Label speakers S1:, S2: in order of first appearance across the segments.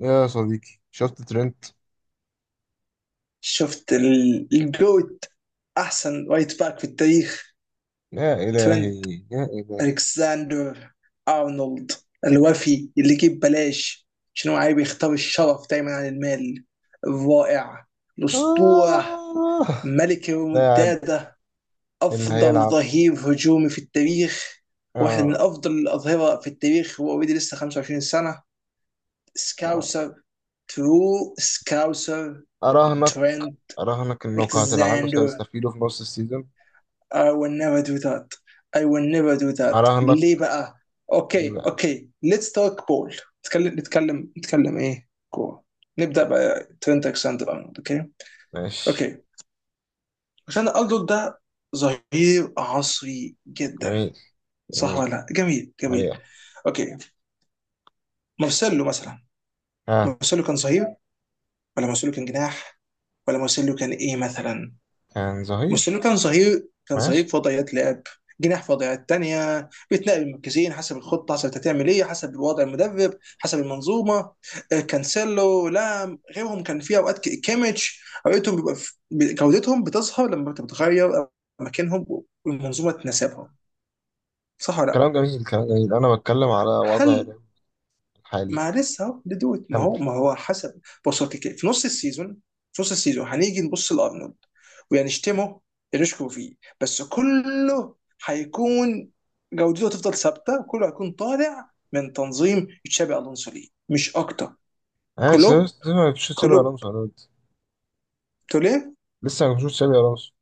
S1: يا صديقي شفت ترند.
S2: شفت ال- الجوت احسن رايت باك في التاريخ.
S1: يا
S2: ترنت
S1: إلهي يا إلهي.
S2: الكساندر ارنولد، الوفي اللي يجيب بلاش عشان هو عايز يختار الشرف دايما عن المال، الرائع، الاسطوره،
S1: آه.
S2: ملك
S1: لاعب
S2: الريمونتادا،
S1: اللي
S2: افضل
S1: هيلعب.
S2: ظهير هجومي في التاريخ. واحد من
S1: آه.
S2: افضل الاظهره في التاريخ، هو اوريدي لسه 25 سنه.
S1: آه.
S2: سكاوسر، ترو سكاوسر.
S1: أراهنك.
S2: ترنت
S1: أراهنك إنك هتلعنه
S2: الكساندر.
S1: سيستفيدوا في نص السيزون.
S2: I will never do that. I will never do that
S1: أراهنك.
S2: ليه بقى؟
S1: ليه
S2: اوكي
S1: بقى؟
S2: اوكي، let's talk ball. نتكلم نتكلم نتكلم ايه؟ كورة. نبدأ بقى ترينت الكسندر ارنولد. اوكي.
S1: ماشي.
S2: اوكي. الكسندر ارنولد ده ظهير عصري جدا،
S1: جميل
S2: صح
S1: جميل
S2: ولا لا؟ جميل جميل.
S1: حقيقة.
S2: اوكي. مارسيلو مثلا،
S1: ها.
S2: مارسيلو كان ظهير ولا مارسيلو كان جناح ولا مارسيلو كان ايه مثلا؟
S1: كان
S2: مارسيلو
S1: ظهير.
S2: كان صغير، كان صغير
S1: ماشي.
S2: في وضعيات لعب جناح، في وضعيات تانية بيتنقل من مركزين حسب الخطة، حسب انت هتعمل ايه، حسب وضع المدرب، حسب المنظومة. كانسيلو، لام، غيرهم، كان في اوقات كيميتش، اوقاتهم بيبقى جودتهم بتظهر لما بتتغير مكانهم والمنظومة تناسبهم، صح ولا لا؟
S1: كلام جميل كلام جميل، أنا بتكلم على وضع
S2: هل
S1: الحالي.
S2: ما لسه اهو لدود، ما
S1: كمل.
S2: هو ما هو حسب. بص هو في نص السيزون، في نص السيزون هنيجي نبص لارنولد وهنشتمه، نشكو فيه، بس كله هيكون، جودته تفضل ثابته، كله هيكون طالع من تنظيم تشابي الونسو، ليه مش اكتر.
S1: أنا
S2: كلوب
S1: ما بشوفش تشابي
S2: كلوب
S1: ألونسو أنا قلت.
S2: توليه.
S1: لسه ما بشوفش تشابي ألونسو.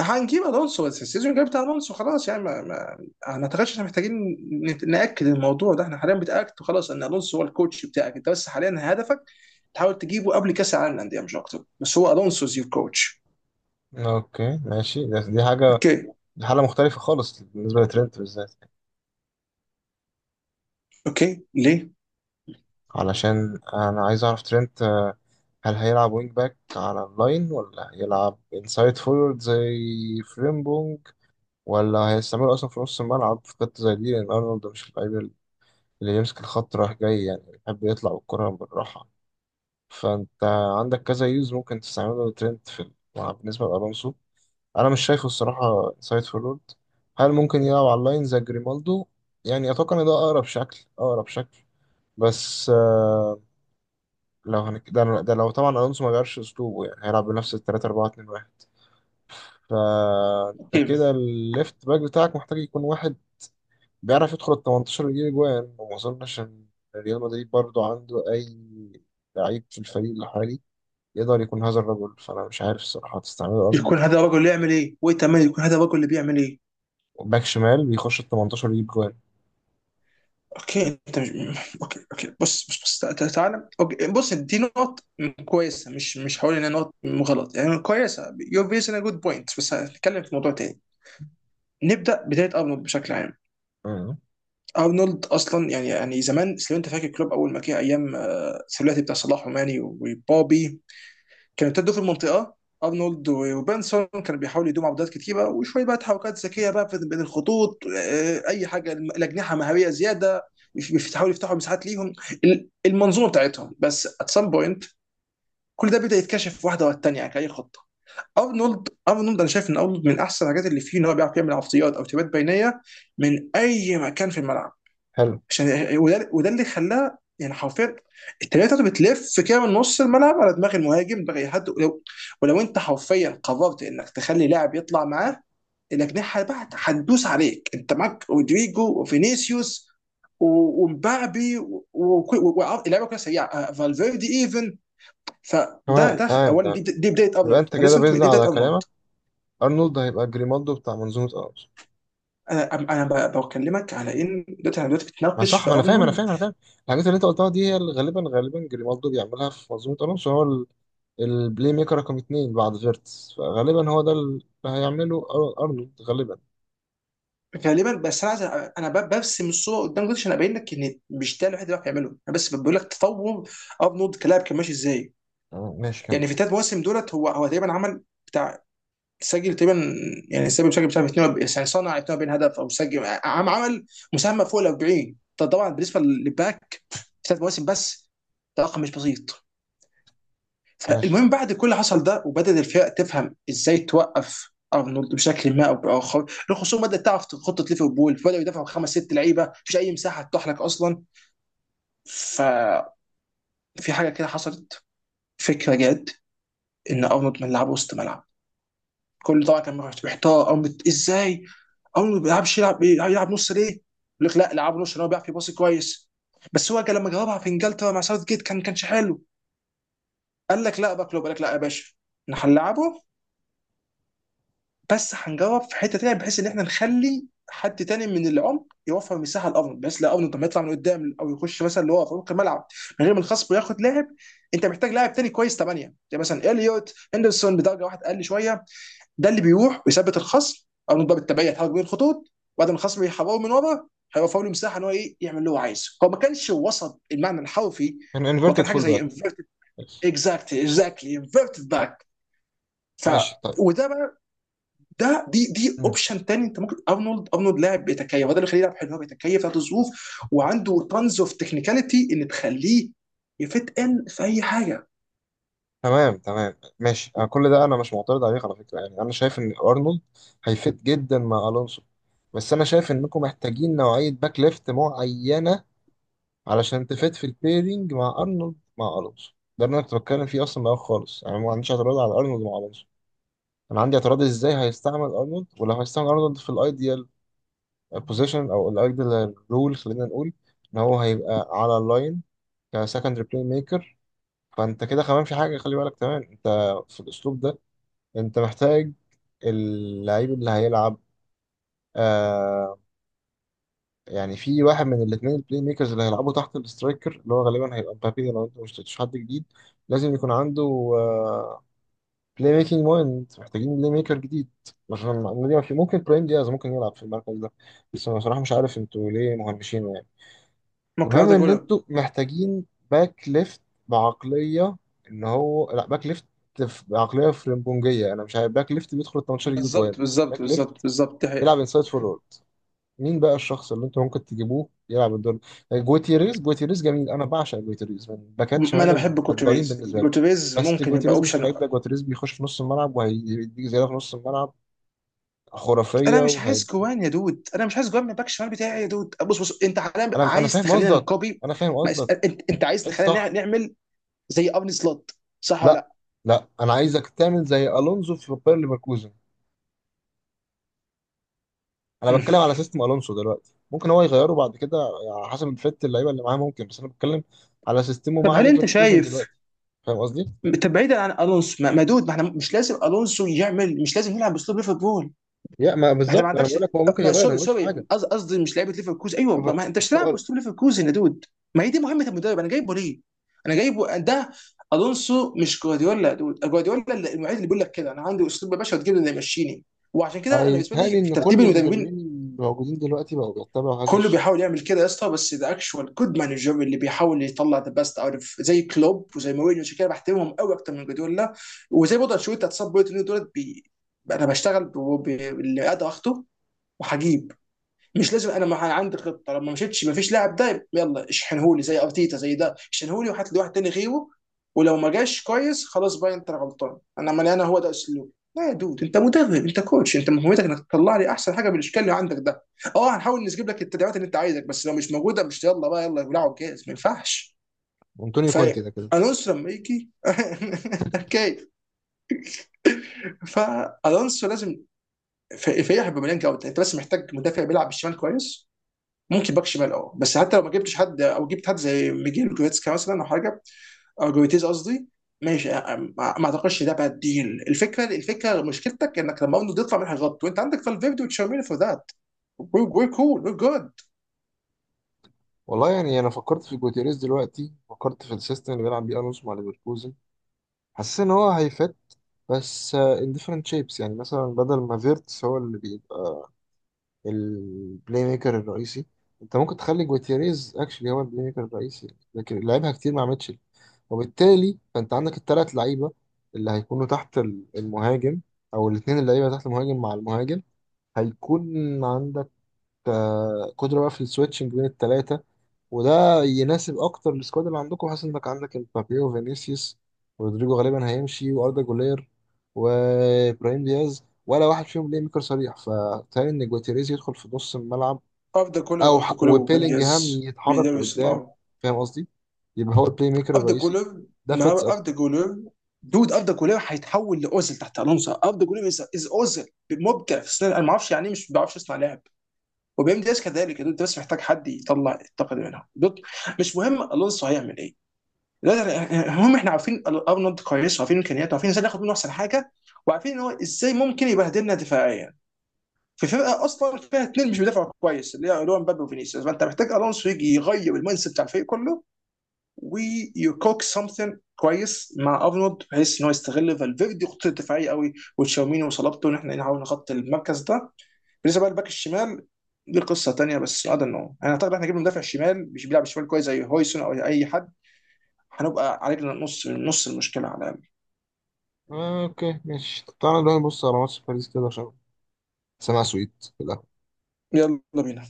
S2: هنجيب الونسو، بس السيزون الجاي بتاع الونسو خلاص، يعني ما ما اعتقدش احنا محتاجين ناكد الموضوع ده، احنا حاليا بتاكد خلاص ان الونسو هو الكوتش بتاعك انت، بس حاليا هدفك تحاول تجيبه قبل كاس العالم للانديه، مش اكتر. بس هو الونسو از يور كوتش.
S1: أوكي ماشي، دي حاجة.
S2: اوكي.
S1: دي حالة مختلفة خالص بالنسبة لترنت بالذات،
S2: اوكي ليه؟
S1: علشان أنا عايز أعرف ترنت، هل هيلعب وينج باك على اللاين ولا هيلعب انسايد فورورد زي فريمبونج، ولا هيستعمله أصلا في نص الملعب في خطة زي دي، لأن أرنولد مش اللعيب اللي يمسك الخط رايح جاي، يعني بيحب يطلع بالكرة بالراحة. فأنت عندك كذا يوز ممكن تستعمله ترنت في الملعب. بالنسبة لألونسو أنا مش شايفه الصراحة انسايد فورورد. هل ممكن يلعب على اللاين زي جريمالدو؟ يعني أتوقع إن ده أقرب شكل أقرب شكل. بس ده لو طبعا الونسو ما غيرش اسلوبه يعني هيلعب بنفس ال 3 4 2 1. فانت
S2: اوكي.
S1: كده الليفت باك بتاعك محتاج يكون واحد بيعرف يدخل ال 18 ويجيب اجوان، وما اظنش ان ريال مدريد برضو عنده اي لعيب في الفريق الحالي يقدر يكون هذا الرجل، فانا مش عارف الصراحه هتستعمله
S2: يكون
S1: ارنولد
S2: هذا
S1: ازاي.
S2: الرجل اللي يعمل ايه؟ وانت عمال يكون هذا الرجل اللي بيعمل ايه؟
S1: باك شمال بيخش ال 18 ويجيب جوان.
S2: اوكي انت مش... اوكي اوكي، بص بص بص، تعالى. اوكي بص، دي نقط كويسه، مش هقول انها نقط غلط، يعني كويسه، يور فيز ان جود بوينت، بس هنتكلم في موضوع تاني. نبدا بدايه ارنولد بشكل عام.
S1: مم.
S2: ارنولد اصلا، يعني زمان لو انت فاكر كلوب اول ما جه، ايام الثلاثي بتاع صلاح وماني وبوبي، كانوا ابتدوا في المنطقه، ارنولد وبنسون كانوا بيحاولوا يدوموا عبودات كتيره، وشويه بقى تحركات ذكيه بقى بين الخطوط، اي حاجه. الاجنحه مهاريه زياده، بيحاولوا يفتحوا مساحات ليهم. المنظومه بتاعتهم، بس ات سام بوينت كل ده بدا يتكشف واحده ورا الثانيه، كاي خطه. ارنولد، انا شايف ان ارنولد من احسن الحاجات اللي فيه ان هو بيعرف يعمل عرضيات او تبات بينيه من اي مكان في الملعب.
S1: حلو.
S2: عشان وده اللي خلاه يعني حرفيا التمريره بتاعته بتلف كده من نص الملعب على دماغ المهاجم، دماغ أي حد، ولو انت حرفيا قررت انك تخلي لاعب يطلع معاه، الاجنحه بقى هتدوس عليك. انت معاك رودريجو وفينيسيوس ومبابي اللعيبه كلها سريعه، فالفيردي ايفن. فده،
S1: تمام
S2: ده
S1: تمام
S2: اولا.
S1: تمام.
S2: دي بدايه
S1: يبقى
S2: ارنولد،
S1: انت
S2: ما
S1: كده
S2: لسه انت،
S1: بيزن
S2: دي بدايه
S1: على
S2: ارنولد.
S1: كلامك، ارنولد هيبقى جريمالدو بتاع منظومه.
S2: انا بكلمك على ان دلوقتي، انا دلوقتي
S1: ما
S2: بتناقش
S1: صح،
S2: في
S1: ما انا فاهم انا
S2: ارنولد.
S1: فاهم انا فاهم. الحاجات اللي انت قلتها دي هي اللي غالبا غالبا جريمالدو بيعملها في منظومه الونسو، هو البلاي ميكر رقم اتنين بعد فيرتس، فغالبا هو ده اللي هيعمله ارنولد غالبا.
S2: غالبا، بس انا عايز انا برسم الصوره قدام جدتي عشان ابين لك ان مش ده الوحيد اللي بيعرف يعمله، انا بس بقول لك تطور ارنولد كلاعب كان ماشي ازاي.
S1: تمام، ماشي كمل.
S2: يعني في ثلاث مواسم دولت، هو تقريبا عمل بتاع، سجل تقريبا، يعني سجل بتاع 42، يعني صنع 42 هدف او سجل، عم عمل مساهمه فوق ال 40، ده طبعا بالنسبه للباك في ثلاث مواسم بس. ده رقم مش بسيط.
S1: ماشي.
S2: فالمهم بعد كل اللي حصل ده، وبدأت الفرق تفهم ازاي توقف ارنولد بشكل ما او باخر، الخصوم بدأت تعرف خطة ليفربول، بدأوا يدافعوا خمس ست لعيبة، مفيش اي مساحة تتاح لك اصلا. ففي حاجة كده حصلت، فكرة جت ان ارنولد ما يلعب وسط ملعب. كل، طبعا كان محتار ارنولد ازاي، ارنولد ما بيلعبش، يلعب نص ليه؟ يقول لك لا، لعب نص عشان هو بيعرف يباصي كويس، بس هو كان لما جربها في انجلترا مع ساوث جيت كان كانش حلو. قال لك لا باكلوب، قال لك لا يا باشا احنا هنلعبه، بس هنجرب في حته تانيه، بحيث ان احنا نخلي حد تاني من العمق يوفر مساحه لارنولد، بحيث لا ارنولد لما يطلع من قدام او يخش مثلا اللي هو في عمق الملعب، من غير ما الخصم وياخد لاعب، انت محتاج لاعب تاني كويس، ثمانيه زي مثلا اليوت هندرسون بدرجه، واحد اقل شويه، ده اللي بيروح ويثبت الخصم، ارنولد بقى بالتبعيه يتحرك بين الخطوط بعد ما الخصم يحرره من ورا، هيوفر له مساحه ان هو ايه، يعمل اللي هو عايزه. هو ما كانش وسط المعنى الحرفي،
S1: كان انفيرتد
S2: وكان حاجه
S1: فول
S2: زي
S1: باك.
S2: انفيرتد.
S1: ماشي.
S2: اكزاكتلي، انفيرتد باك. ف،
S1: ماشي طيب.
S2: وده بقى، ده دي
S1: مم.
S2: اوبشن تاني. انت ممكن ارنولد، ارنولد لاعب بيتكيف، هذا اللي يخليه لاعب حلو، هو بيتكيف ذات الظروف، وعنده تانز اوف تكنيكاليتي اللي تخليه يفت ان في اي حاجه.
S1: تمام تمام ماشي، أنا كل ده انا مش معترض عليك على فكره، يعني انا شايف ان ارنولد هيفيد جدا مع الونسو، بس انا شايف انكم محتاجين نوعيه باك ليفت معينه علشان تفيد في البيرنج مع ارنولد مع الونسو. ده اللي انا كنت بتكلم فيه اصلا من الاول خالص، انا ما عنديش اعتراض على ارنولد مع الونسو، انا عندي اعتراض ازاي هيستعمل ارنولد، ولو هيستعمل ارنولد في الايديال بوزيشن او الايديال رول، خلينا نقول ان هو هيبقى على اللاين كسكندري بلاي ميكر. فانت كده كمان في حاجه خلي بالك كمان انت، في الاسلوب ده انت محتاج اللعيب اللي هيلعب، آه، يعني في واحد من الاثنين البلاي ميكرز اللي هيلعبوا تحت الاسترايكر، اللي هو غالبا هيبقى مبابي لو انت ما اشتريتش حد جديد، لازم يكون عنده بلاي ميكنج مايند. محتاجين بلاي ميكر جديد عشان المعلومة دي. ما في، ممكن برايم دياز ممكن يلعب في المركز ده، بس انا بصراحة مش عارف انتوا ليه مهمشينه يعني.
S2: ممكن
S1: المهم
S2: اقعد
S1: ان
S2: اقولها.
S1: انتوا محتاجين باك ليفت بعقلية ان هو لا باك ليفت، بعقلية فرنبونجية. انا مش عارف باك ليفت بيدخل ال 18 يجيب جوان.
S2: بالظبط بالظبط
S1: باك ليفت
S2: بالظبط بالظبط دي
S1: يلعب
S2: حقيقة.
S1: انسايد فورورد. مين بقى الشخص اللي انت ممكن تجيبوه يلعب الدور؟ جوتيريز. جوتيريز جميل، انا بعشق جوتيريز، من باكات
S2: ما
S1: شمال
S2: انا بحب
S1: المفضلين
S2: جوتيريز،
S1: بالنسبه لي.
S2: جوتيريز
S1: بس
S2: ممكن يبقى
S1: جوتيريز مش
S2: اوبشن.
S1: اللعيب ده، جوتيريز بيخش في نص الملعب وهيديك زياده في نص الملعب خرافيه
S2: انا مش
S1: وهي.
S2: عايز جوان يا دود، انا مش عايز جوان من الباك الشمال بتاعي يا دود. بص بص، انت حاليا
S1: انا
S2: عايز
S1: فاهم
S2: تخلينا
S1: قصدك
S2: نكوبي.
S1: انا فاهم
S2: ما
S1: قصدك.
S2: اس- انت، انت عايز
S1: انت
S2: نخلينا
S1: صح.
S2: نعمل زي ارن سلوت، صح ولا
S1: لا
S2: لا؟
S1: لا، انا عايزك تعمل زي الونزو في باير ليفركوزن. انا
S2: مم.
S1: بتكلم على سيستم الونسو دلوقتي، ممكن هو يغيره بعد كده على حسب الفت اللعيبه اللي معاه ممكن، بس انا بتكلم على سيستمه
S2: طب
S1: مع
S2: هل انت
S1: ليفركوزن
S2: شايف،
S1: دلوقتي. فاهم قصدي؟
S2: طب بعيدا عن الونسو، ما دود، ما احنا مش لازم الونسو يعمل، مش لازم يلعب باسلوب ليفربول.
S1: يا ما
S2: ما انت ما
S1: بالظبط، انا
S2: عندكش،
S1: بقول لك هو ممكن
S2: ما
S1: يغير، انا
S2: سوري
S1: ما قلتش
S2: سوري،
S1: حاجه.
S2: قصدي مش لعيبه ليفركوزن، ايوه، ما
S1: ف-
S2: ما انت مش هتلعب
S1: الشغل-
S2: باسلوب ليفركوزن يا دود. ما هي دي مهمه المدرب، انا جايبه ليه؟ انا جايبه ده. الونسو مش جوارديولا يا دود. جوارديولا المعيد اللي بيقول لك كده، انا عندي اسلوب يا باشا وتجيب لي اللي يمشيني. وعشان كده انا بالنسبه
S1: هيتهيألي
S2: لي في
S1: ان
S2: ترتيب
S1: كل
S2: المدربين،
S1: المدربين الموجودين دلوقتي بقوا بيتبعوا هذا
S2: كله
S1: الشكل.
S2: بيحاول يعمل كده يا اسطى، بس ذا اكشوال جود مانجر اللي بيحاول يطلع ذا بيست اوت اوف، زي كلوب وزي مورينيو، عشان كده بحترمهم قوي اكتر من جوارديولا. وزي برضه انشيلوتي، هتصاب بوينت دولت بي... انا بشتغل باللي قادر اخده وهجيب. مش لازم، انا ما عندي خطه، لما مشيتش ما فيش لاعب ده يلا اشحنهولي زي ارتيتا، زي ده اشحنهولي وهات لي واحد تاني غيره، ولو ما جاش كويس خلاص بقى انت غلطان، انا عمال، انا هو ده اسلوب. لا يا دود، انت مدرب، انت كوتش، انت مهمتك انك تطلع لي احسن حاجه بالاشكال اللي عندك ده. اه هنحاول نجيب لك التدعيمات اللي انت عايزك، بس لو مش موجوده، مش يلا بقى يلا بلعب جاهز، ما ينفعش.
S1: انطونيو
S2: ف
S1: كونتي ده كده.
S2: الونسو لما يجي اوكي. فالونسو لازم فيح بمليان جوده، انت بس محتاج مدافع بيلعب بالشمال كويس. ممكن باك شمال، اه، بس حتى لو ما جبتش حد او جبت حد زي ميجيل جويتسكا مثلا او حاجه، او جويتيز قصدي، ماشي. ما ما اعتقدش ده باد ديل. الفكره، الفكره مشكلتك انك لما ارنولد يطلع منها غلط، وانت عندك فالفيردي وتشاوميني فور ذات، وي كول وي جود.
S1: والله يعني انا فكرت في جوتيريز دلوقتي، فكرت في السيستم اللي بيلعب بيه الونسو مع ليفركوزن، حسيت ان هو هيفت، بس ان ديفرنت شيبس. يعني مثلا بدل ما فيرتس هو اللي بيبقى البلاي ميكر الرئيسي، انت ممكن تخلي جوتيريز اكشلي هو البلاي ميكر الرئيسي، لكن لعبها كتير مع ميتشل. وبالتالي فانت عندك الثلاث لعيبه اللي هيكونوا تحت المهاجم، او الاثنين اللعيبه تحت المهاجم مع المهاجم. هيكون عندك قدره بقى في السويتشنج بين الثلاثه، وده يناسب اكتر السكواد اللي عندكم. حاسس انك عندك امبابي وفينيسيوس ورودريجو، غالبا هيمشي واردا، جولير وابراهيم دياز ولا واحد فيهم بلاي ميكر صريح، فتهيألي ان جواتيريز يدخل في نص الملعب،
S2: اوف ذا كولر، اوف ذا كولر ويم
S1: وبيلينجهام
S2: جاز،
S1: يتحرك
S2: بيدرس
S1: لقدام.
S2: النار.
S1: فاهم قصدي؟ يبقى هو البلاي ميكر
S2: اوف ذا
S1: الرئيسي،
S2: كولر،
S1: ده
S2: ما
S1: فيتس
S2: اوف ذا
S1: اكتر.
S2: كولر، دود اوف ذا كولر هيتحول لاوزل تحت الونسو، اوف ذا كولر از اوزل، مبدع في السنة. انا ما اعرفش يعني إيه، مش ما بعرفش اصنع لعب، وبيم دي اس كذلك يا دود، انت بس محتاج حد يطلع الطاقه دي منهم دوت. مش مهم الونسو هيعمل ايه دلوقتي، المهم احنا عارفين ارنولد كويس، وعارفين امكانياته، وعارفين ازاي ناخد منه احسن حاجه، وعارفين ان هو ازاي ممكن يبهدلنا دفاعيا، في فرقه اصلا فيها اثنين مش بيدافعوا كويس، اللي هو اللي هو مبابي وفينيسيوس. فانت محتاج الونسو يجي يغير المايند سيت بتاع الفريق كله، ويكوك سمثين كويس مع ارنولد بحيث ان هو يستغل فالفيردي خطته الدفاعيه قوي، وتشاوميني وصلابته ان احنا نحاول نغطي المركز ده. بالنسبه بقى للباك الشمال، دي قصه تانيه، بس هذا انه، انا اعتقد احنا جبنا مدافع شمال مش بيلعب شمال كويس زي هويسون او اي حد، هنبقى علينا نص، نص المشكله على الاقل.
S1: آه، اوكي ماشي. طب تعالى نروح نبص على ماتش باريس كده عشان سمع سويت.
S2: يلا بينا.